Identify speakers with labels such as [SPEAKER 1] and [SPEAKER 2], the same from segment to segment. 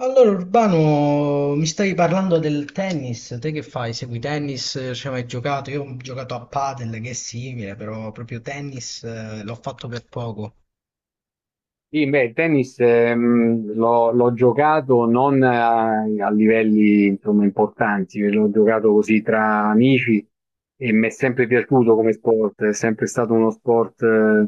[SPEAKER 1] Allora, Urbano, mi stavi parlando del tennis, te che fai? Segui tennis, ci hai mai giocato? Io ho giocato a padel, che è simile, però proprio tennis l'ho fatto per poco.
[SPEAKER 2] Sì, beh, il tennis l'ho giocato non a, livelli, insomma, importanti, l'ho giocato così tra amici e mi è sempre piaciuto come sport, è sempre stato uno sport.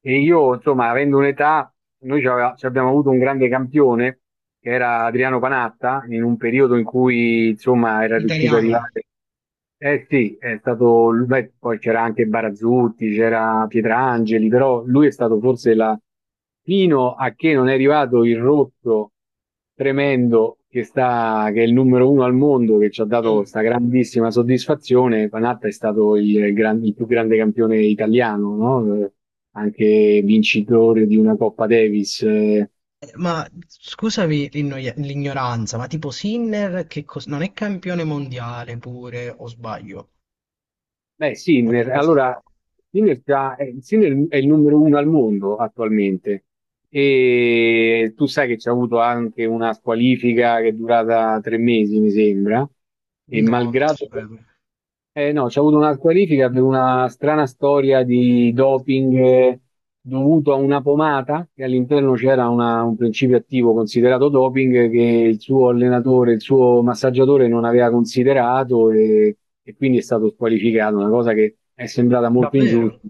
[SPEAKER 2] E io, insomma, avendo un'età, ci abbiamo avuto un grande campione che era Adriano Panatta, in un periodo in cui, insomma, era riuscito a
[SPEAKER 1] Italiano.
[SPEAKER 2] arrivare. Eh sì, è stato, beh, poi c'era anche Barazzutti, c'era Pietrangeli, però lui è stato forse la, fino a che non è arrivato il rotto tremendo che sta, che è il numero uno al mondo, che ci ha dato
[SPEAKER 1] Mm.
[SPEAKER 2] questa grandissima soddisfazione, Panatta è stato il più grande campione italiano, no? Anche vincitore di una Coppa Davis.
[SPEAKER 1] Ma scusami l'ignoranza, ma tipo Sinner non è campione mondiale pure, o sbaglio?
[SPEAKER 2] Beh,
[SPEAKER 1] O è una
[SPEAKER 2] Sinner,
[SPEAKER 1] cosa...
[SPEAKER 2] allora Sinner, Sinner è il numero uno al mondo attualmente e tu sai che c'è avuto anche una squalifica che è durata 3 mesi, mi sembra, e
[SPEAKER 1] No, non lo
[SPEAKER 2] malgrado,
[SPEAKER 1] sapevo.
[SPEAKER 2] no, c'è avuto una qualifica per una strana storia di doping, dovuto a una pomata che all'interno c'era un principio attivo considerato doping, che il suo allenatore, il suo massaggiatore non aveva considerato e quindi è stato squalificato, una cosa che è sembrata molto ingiusta.
[SPEAKER 1] Davvero?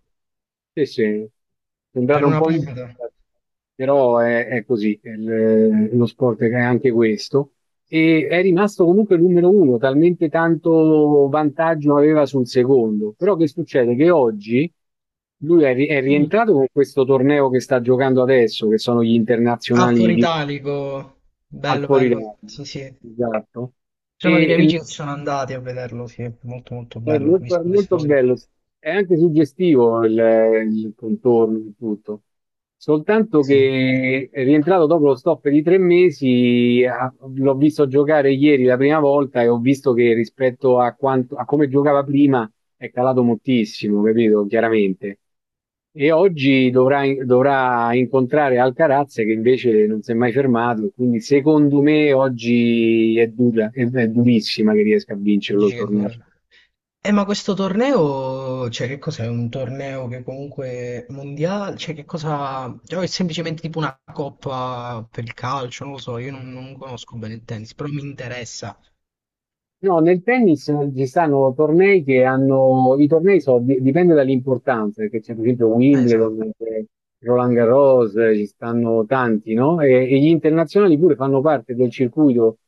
[SPEAKER 2] Sì, sì, è
[SPEAKER 1] Per
[SPEAKER 2] sembrata un
[SPEAKER 1] una
[SPEAKER 2] po'
[SPEAKER 1] punta?
[SPEAKER 2] ingiusta, però è così, lo sport è anche questo e è rimasto comunque numero uno, talmente tanto vantaggio aveva sul secondo. Però che succede? Che oggi lui è
[SPEAKER 1] Mm.
[SPEAKER 2] rientrato con questo torneo che sta giocando adesso, che sono gli
[SPEAKER 1] Ah,
[SPEAKER 2] internazionali
[SPEAKER 1] fuori
[SPEAKER 2] di,
[SPEAKER 1] italico.
[SPEAKER 2] al
[SPEAKER 1] Bello,
[SPEAKER 2] fuori.
[SPEAKER 1] bello. Sì, sì.
[SPEAKER 2] Esatto.
[SPEAKER 1] Ci sono dei
[SPEAKER 2] E
[SPEAKER 1] miei amici che sono andati a vederlo, sì, è molto molto
[SPEAKER 2] È
[SPEAKER 1] bello, ho
[SPEAKER 2] molto, è
[SPEAKER 1] visto le
[SPEAKER 2] molto
[SPEAKER 1] storie.
[SPEAKER 2] bello, è anche suggestivo il contorno di tutto, soltanto
[SPEAKER 1] Sì.
[SPEAKER 2] che è rientrato dopo lo stop di 3 mesi, ah, l'ho visto giocare ieri la prima volta e ho visto che rispetto a, quanto, a come giocava prima è calato moltissimo, capito? Chiaramente. E oggi dovrà incontrare Alcaraz che invece non si è mai fermato, quindi secondo me oggi è dura, è durissima che riesca a vincerlo il
[SPEAKER 1] Dici che
[SPEAKER 2] torneo.
[SPEAKER 1] dura. Ma questo torneo, cioè che cos'è? Un torneo che comunque è mondiale, cioè che cosa... cioè, è semplicemente tipo una coppa per il calcio, non lo so, io non, non conosco bene il tennis, però mi interessa.
[SPEAKER 2] No, nel tennis ci stanno tornei che hanno, i tornei so, di- dipende dall'importanza, perché c'è per esempio
[SPEAKER 1] Esatto.
[SPEAKER 2] Wimbledon, c'è Roland Garros, ci stanno tanti, no? E gli internazionali pure fanno parte del circuito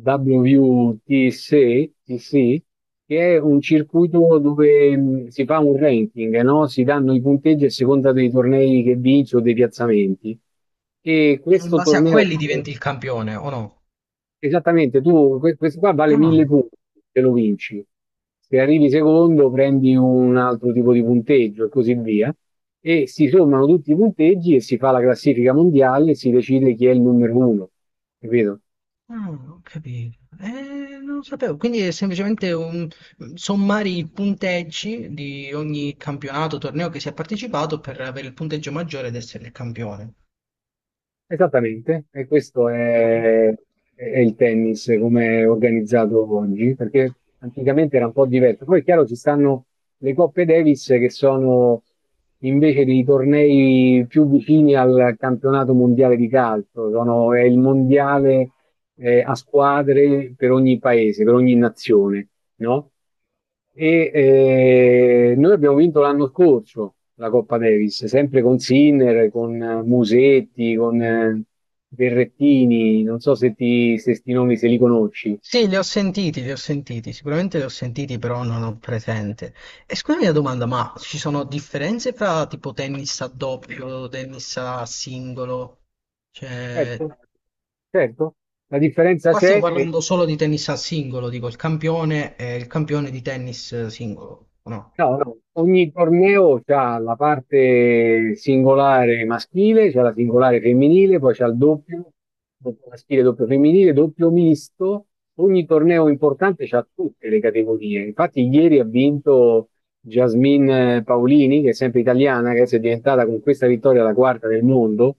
[SPEAKER 2] WTC, TC, che è un circuito dove si fa un ranking, no? Si danno i punteggi a seconda dei tornei che vinci o dei piazzamenti. E
[SPEAKER 1] E in
[SPEAKER 2] questo
[SPEAKER 1] base a
[SPEAKER 2] torneo.
[SPEAKER 1] quelli diventi il campione, o no?
[SPEAKER 2] Esattamente, tu questo qua vale
[SPEAKER 1] Ah.
[SPEAKER 2] 1000 punti se lo vinci. Se arrivi secondo prendi un altro tipo di punteggio e così via. E si sommano tutti i punteggi e si fa la classifica mondiale e si decide chi è il numero uno. Capito?
[SPEAKER 1] Ah, ho capito. Non lo sapevo. Quindi è semplicemente un sommare i punteggi di ogni campionato, torneo che si è partecipato per avere il punteggio maggiore ed essere il campione.
[SPEAKER 2] Esattamente, e questo
[SPEAKER 1] Ah.
[SPEAKER 2] è il tennis come è organizzato oggi, perché anticamente era un po' diverso. Poi è chiaro ci stanno le Coppe Davis che sono invece dei tornei più vicini al campionato mondiale di calcio, è il mondiale, a squadre per ogni paese, per ogni nazione, no? Noi abbiamo vinto l'anno scorso la Coppa Davis, sempre con Sinner, con Musetti, con Berrettini, non so se sti nomi se li conosci.
[SPEAKER 1] Sì, li ho sentiti, sicuramente li ho sentiti, però non ho presente. E scusami la domanda, ma ci sono differenze fra tipo tennis a doppio, tennis a singolo? Cioè,
[SPEAKER 2] Certo, certo. La differenza
[SPEAKER 1] qua stiamo
[SPEAKER 2] c'è che.
[SPEAKER 1] parlando solo di tennis a singolo, dico il campione e il campione di tennis singolo, o no?
[SPEAKER 2] No, no, ogni torneo c'ha la parte singolare maschile, c'è la singolare femminile, poi c'è il doppio, doppio maschile, doppio femminile, doppio misto. Ogni torneo importante c'ha tutte le categorie. Infatti ieri ha vinto Jasmine Paolini, che è sempre italiana, che adesso è diventata con questa vittoria la quarta del mondo.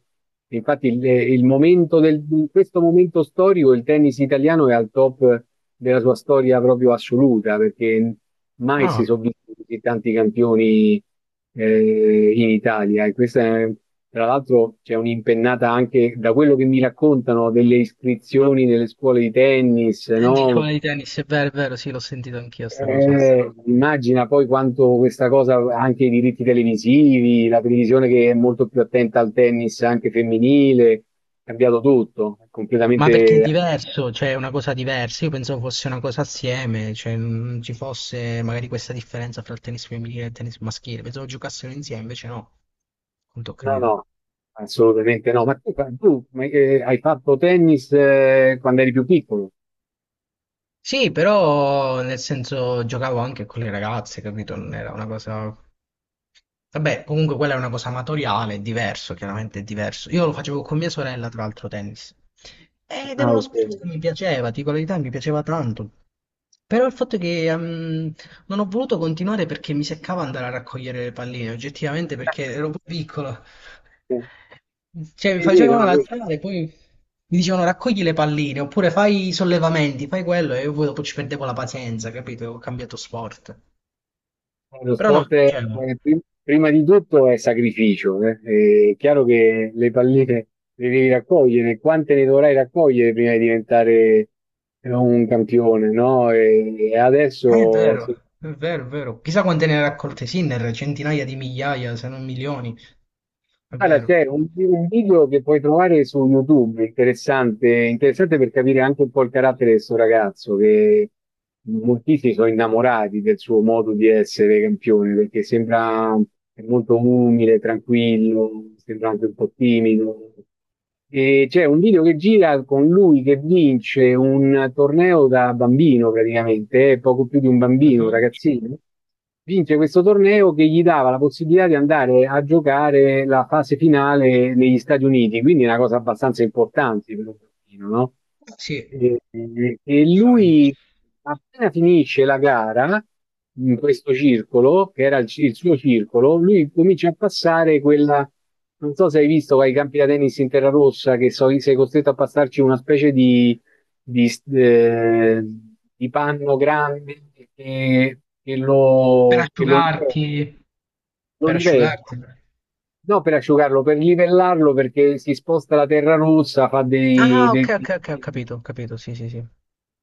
[SPEAKER 2] Infatti in questo momento storico il tennis italiano è al top della sua storia proprio assoluta, perché mai si
[SPEAKER 1] Ah,
[SPEAKER 2] sono visti così tanti campioni, in Italia. Tra l'altro c'è un'impennata anche da quello che mi raccontano delle iscrizioni nelle scuole di tennis,
[SPEAKER 1] dicevo
[SPEAKER 2] no?
[SPEAKER 1] di tennis, è vero, sì, l'ho sentito anch'io sta cosa.
[SPEAKER 2] Immagina poi quanto questa cosa, anche i diritti televisivi, la televisione che è molto più attenta al tennis anche femminile, è cambiato tutto, è
[SPEAKER 1] Ma perché è
[SPEAKER 2] completamente.
[SPEAKER 1] diverso, cioè è una cosa diversa, io pensavo fosse una cosa assieme, cioè non ci fosse magari questa differenza fra il tennis femminile e il tennis maschile, pensavo giocassero insieme, invece no, non ho
[SPEAKER 2] No,
[SPEAKER 1] capito.
[SPEAKER 2] no, assolutamente no. Ma hai fatto tennis quando eri più piccolo?
[SPEAKER 1] Sì, però nel senso giocavo anche con le ragazze, capito? Non era una cosa. Vabbè, comunque quella è una cosa amatoriale, è diverso, chiaramente è diverso. Io lo facevo con mia sorella, tra l'altro, tennis. Ed era
[SPEAKER 2] Ah,
[SPEAKER 1] uno
[SPEAKER 2] ok.
[SPEAKER 1] sport che mi piaceva, ti dico la verità, mi piaceva tanto. Però il fatto è che non ho voluto continuare perché mi seccava andare a raccogliere le palline, oggettivamente perché ero pure piccolo. Cioè, mi
[SPEAKER 2] Sì, sì,
[SPEAKER 1] facevano
[SPEAKER 2] no.
[SPEAKER 1] alzare, poi mi dicevano raccogli le palline, oppure fai i sollevamenti, fai quello, e io poi dopo ci perdevo la pazienza, capito? Ho cambiato sport.
[SPEAKER 2] Lo
[SPEAKER 1] Però no,
[SPEAKER 2] sport
[SPEAKER 1] cioè, no.
[SPEAKER 2] prima di tutto è sacrificio, eh. È chiaro che le palline le devi raccogliere, quante ne dovrai raccogliere prima di diventare un campione, no? E
[SPEAKER 1] È
[SPEAKER 2] adesso se.
[SPEAKER 1] vero, è vero, è vero. Chissà quante ne ha raccolte Sinner, centinaia di migliaia, se non milioni. È
[SPEAKER 2] Guarda,
[SPEAKER 1] vero.
[SPEAKER 2] c'è un video che puoi trovare su YouTube, interessante, interessante per capire anche un po' il carattere di questo ragazzo, che moltissimi sono innamorati del suo modo di essere campione, perché sembra molto umile, tranquillo, sembra anche un po' timido, e c'è un video che gira con lui che vince un torneo da bambino praticamente, poco più di un bambino, un
[SPEAKER 1] Mhm.
[SPEAKER 2] ragazzino. Vince questo torneo che gli dava la possibilità di andare a giocare la fase finale negli Stati Uniti, quindi è una cosa abbastanza importante per un bambino, no?
[SPEAKER 1] Sì,
[SPEAKER 2] E, e
[SPEAKER 1] giustamente.
[SPEAKER 2] lui appena finisce la gara in questo circolo, che era il suo circolo, lui comincia a passare quella, non so se hai visto ai campi da tennis in terra rossa, che sei costretto a passarci una specie di, eh, di panno grande che, che
[SPEAKER 1] Per
[SPEAKER 2] lo, che lo
[SPEAKER 1] asciugarti,
[SPEAKER 2] lo
[SPEAKER 1] per
[SPEAKER 2] livella.
[SPEAKER 1] asciugarti.
[SPEAKER 2] No, per asciugarlo, per livellarlo, perché si sposta la terra rossa, fa dei,
[SPEAKER 1] Ah, ok,
[SPEAKER 2] dei-
[SPEAKER 1] ok, ok, ho capito, sì, sì, sì.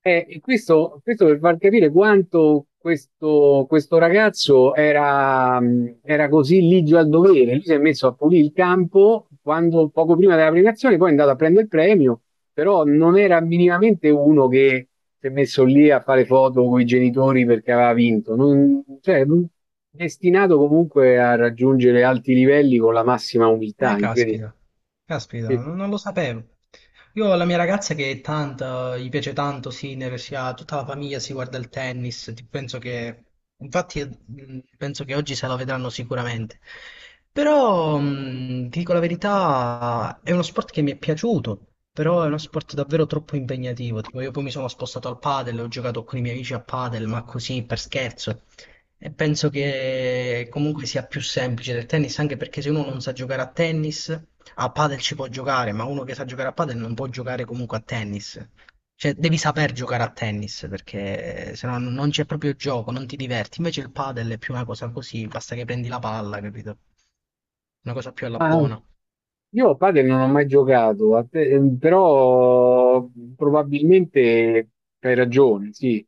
[SPEAKER 2] E questo per far capire quanto questo ragazzo era così ligio al dovere. Lui si è messo a pulire il campo quando, poco prima della premiazione, poi è andato a prendere il premio, però non era minimamente uno che si è messo lì a fare foto con i genitori perché aveva vinto. Cioè, destinato comunque a raggiungere alti livelli con la massima umiltà, incredibile.
[SPEAKER 1] Caspita, caspita,
[SPEAKER 2] Sì.
[SPEAKER 1] non lo sapevo. Io ho la mia ragazza che è tanto, gli piace tanto Sinner, si ha tutta la famiglia, si guarda il tennis, penso che, infatti penso che oggi se la vedranno sicuramente. Però, ti dico la verità, è uno sport che mi è piaciuto, però è uno sport davvero troppo impegnativo. Tipo, io poi mi sono spostato al padel, ho giocato con i miei amici a padel, ma così per scherzo. E penso che comunque sia più semplice del tennis, anche perché se uno non sa giocare a tennis, a padel ci può giocare, ma uno che sa giocare a padel non può giocare comunque a tennis. Cioè, devi saper giocare a tennis, perché se no non c'è proprio gioco, non ti diverti. Invece il padel è più una cosa così, basta che prendi la palla, capito? Una cosa più alla
[SPEAKER 2] Ah,
[SPEAKER 1] buona.
[SPEAKER 2] io a padel non ho mai giocato, però probabilmente hai ragione, sì,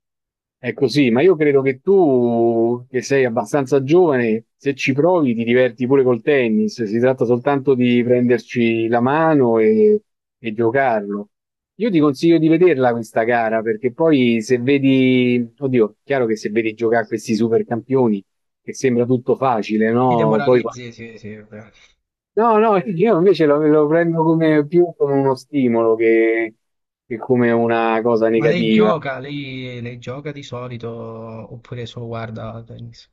[SPEAKER 2] è così, ma io credo che tu, che sei abbastanza giovane, se ci provi ti diverti pure col tennis, si tratta soltanto di prenderci la mano e giocarlo. Io ti consiglio di vederla questa gara, perché poi se vedi, oddio, chiaro che se vedi giocare questi supercampioni, che sembra tutto facile,
[SPEAKER 1] Ti
[SPEAKER 2] no? Poi.
[SPEAKER 1] demoralizzi, sì, sì. È vero.
[SPEAKER 2] No, no, io invece lo prendo come, più come uno stimolo che come una cosa
[SPEAKER 1] Ma lei
[SPEAKER 2] negativa.
[SPEAKER 1] gioca, lei gioca di solito, oppure solo guarda tennis?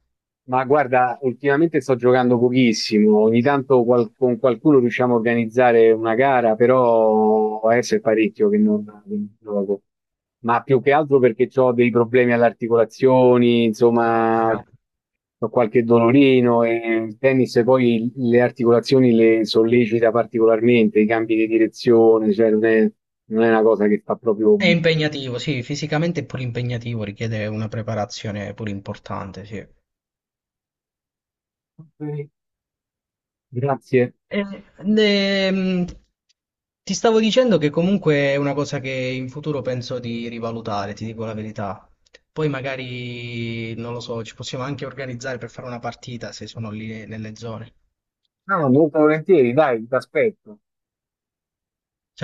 [SPEAKER 2] Ma guarda, ultimamente sto giocando pochissimo, ogni tanto con qualcuno riusciamo a organizzare una gara, però adesso è parecchio che non gioco. Ma più che altro perché ho dei problemi alle articolazioni,
[SPEAKER 1] No, ho
[SPEAKER 2] insomma,
[SPEAKER 1] capito.
[SPEAKER 2] ho qualche dolorino e il tennis poi le articolazioni le sollecita particolarmente, i cambi di direzione, cioè non è una cosa che fa proprio
[SPEAKER 1] È
[SPEAKER 2] benissimo.
[SPEAKER 1] impegnativo, sì, fisicamente è pure impegnativo, richiede una preparazione pure importante, sì.
[SPEAKER 2] Ok. Grazie.
[SPEAKER 1] Eh, ne- mh, ti stavo dicendo che comunque è una cosa che in futuro penso di rivalutare, ti dico la verità. Poi magari, non lo so, ci possiamo anche organizzare per fare una partita se sono lì nelle zone. Ci
[SPEAKER 2] No, no, molto volentieri, dai, ti aspetto.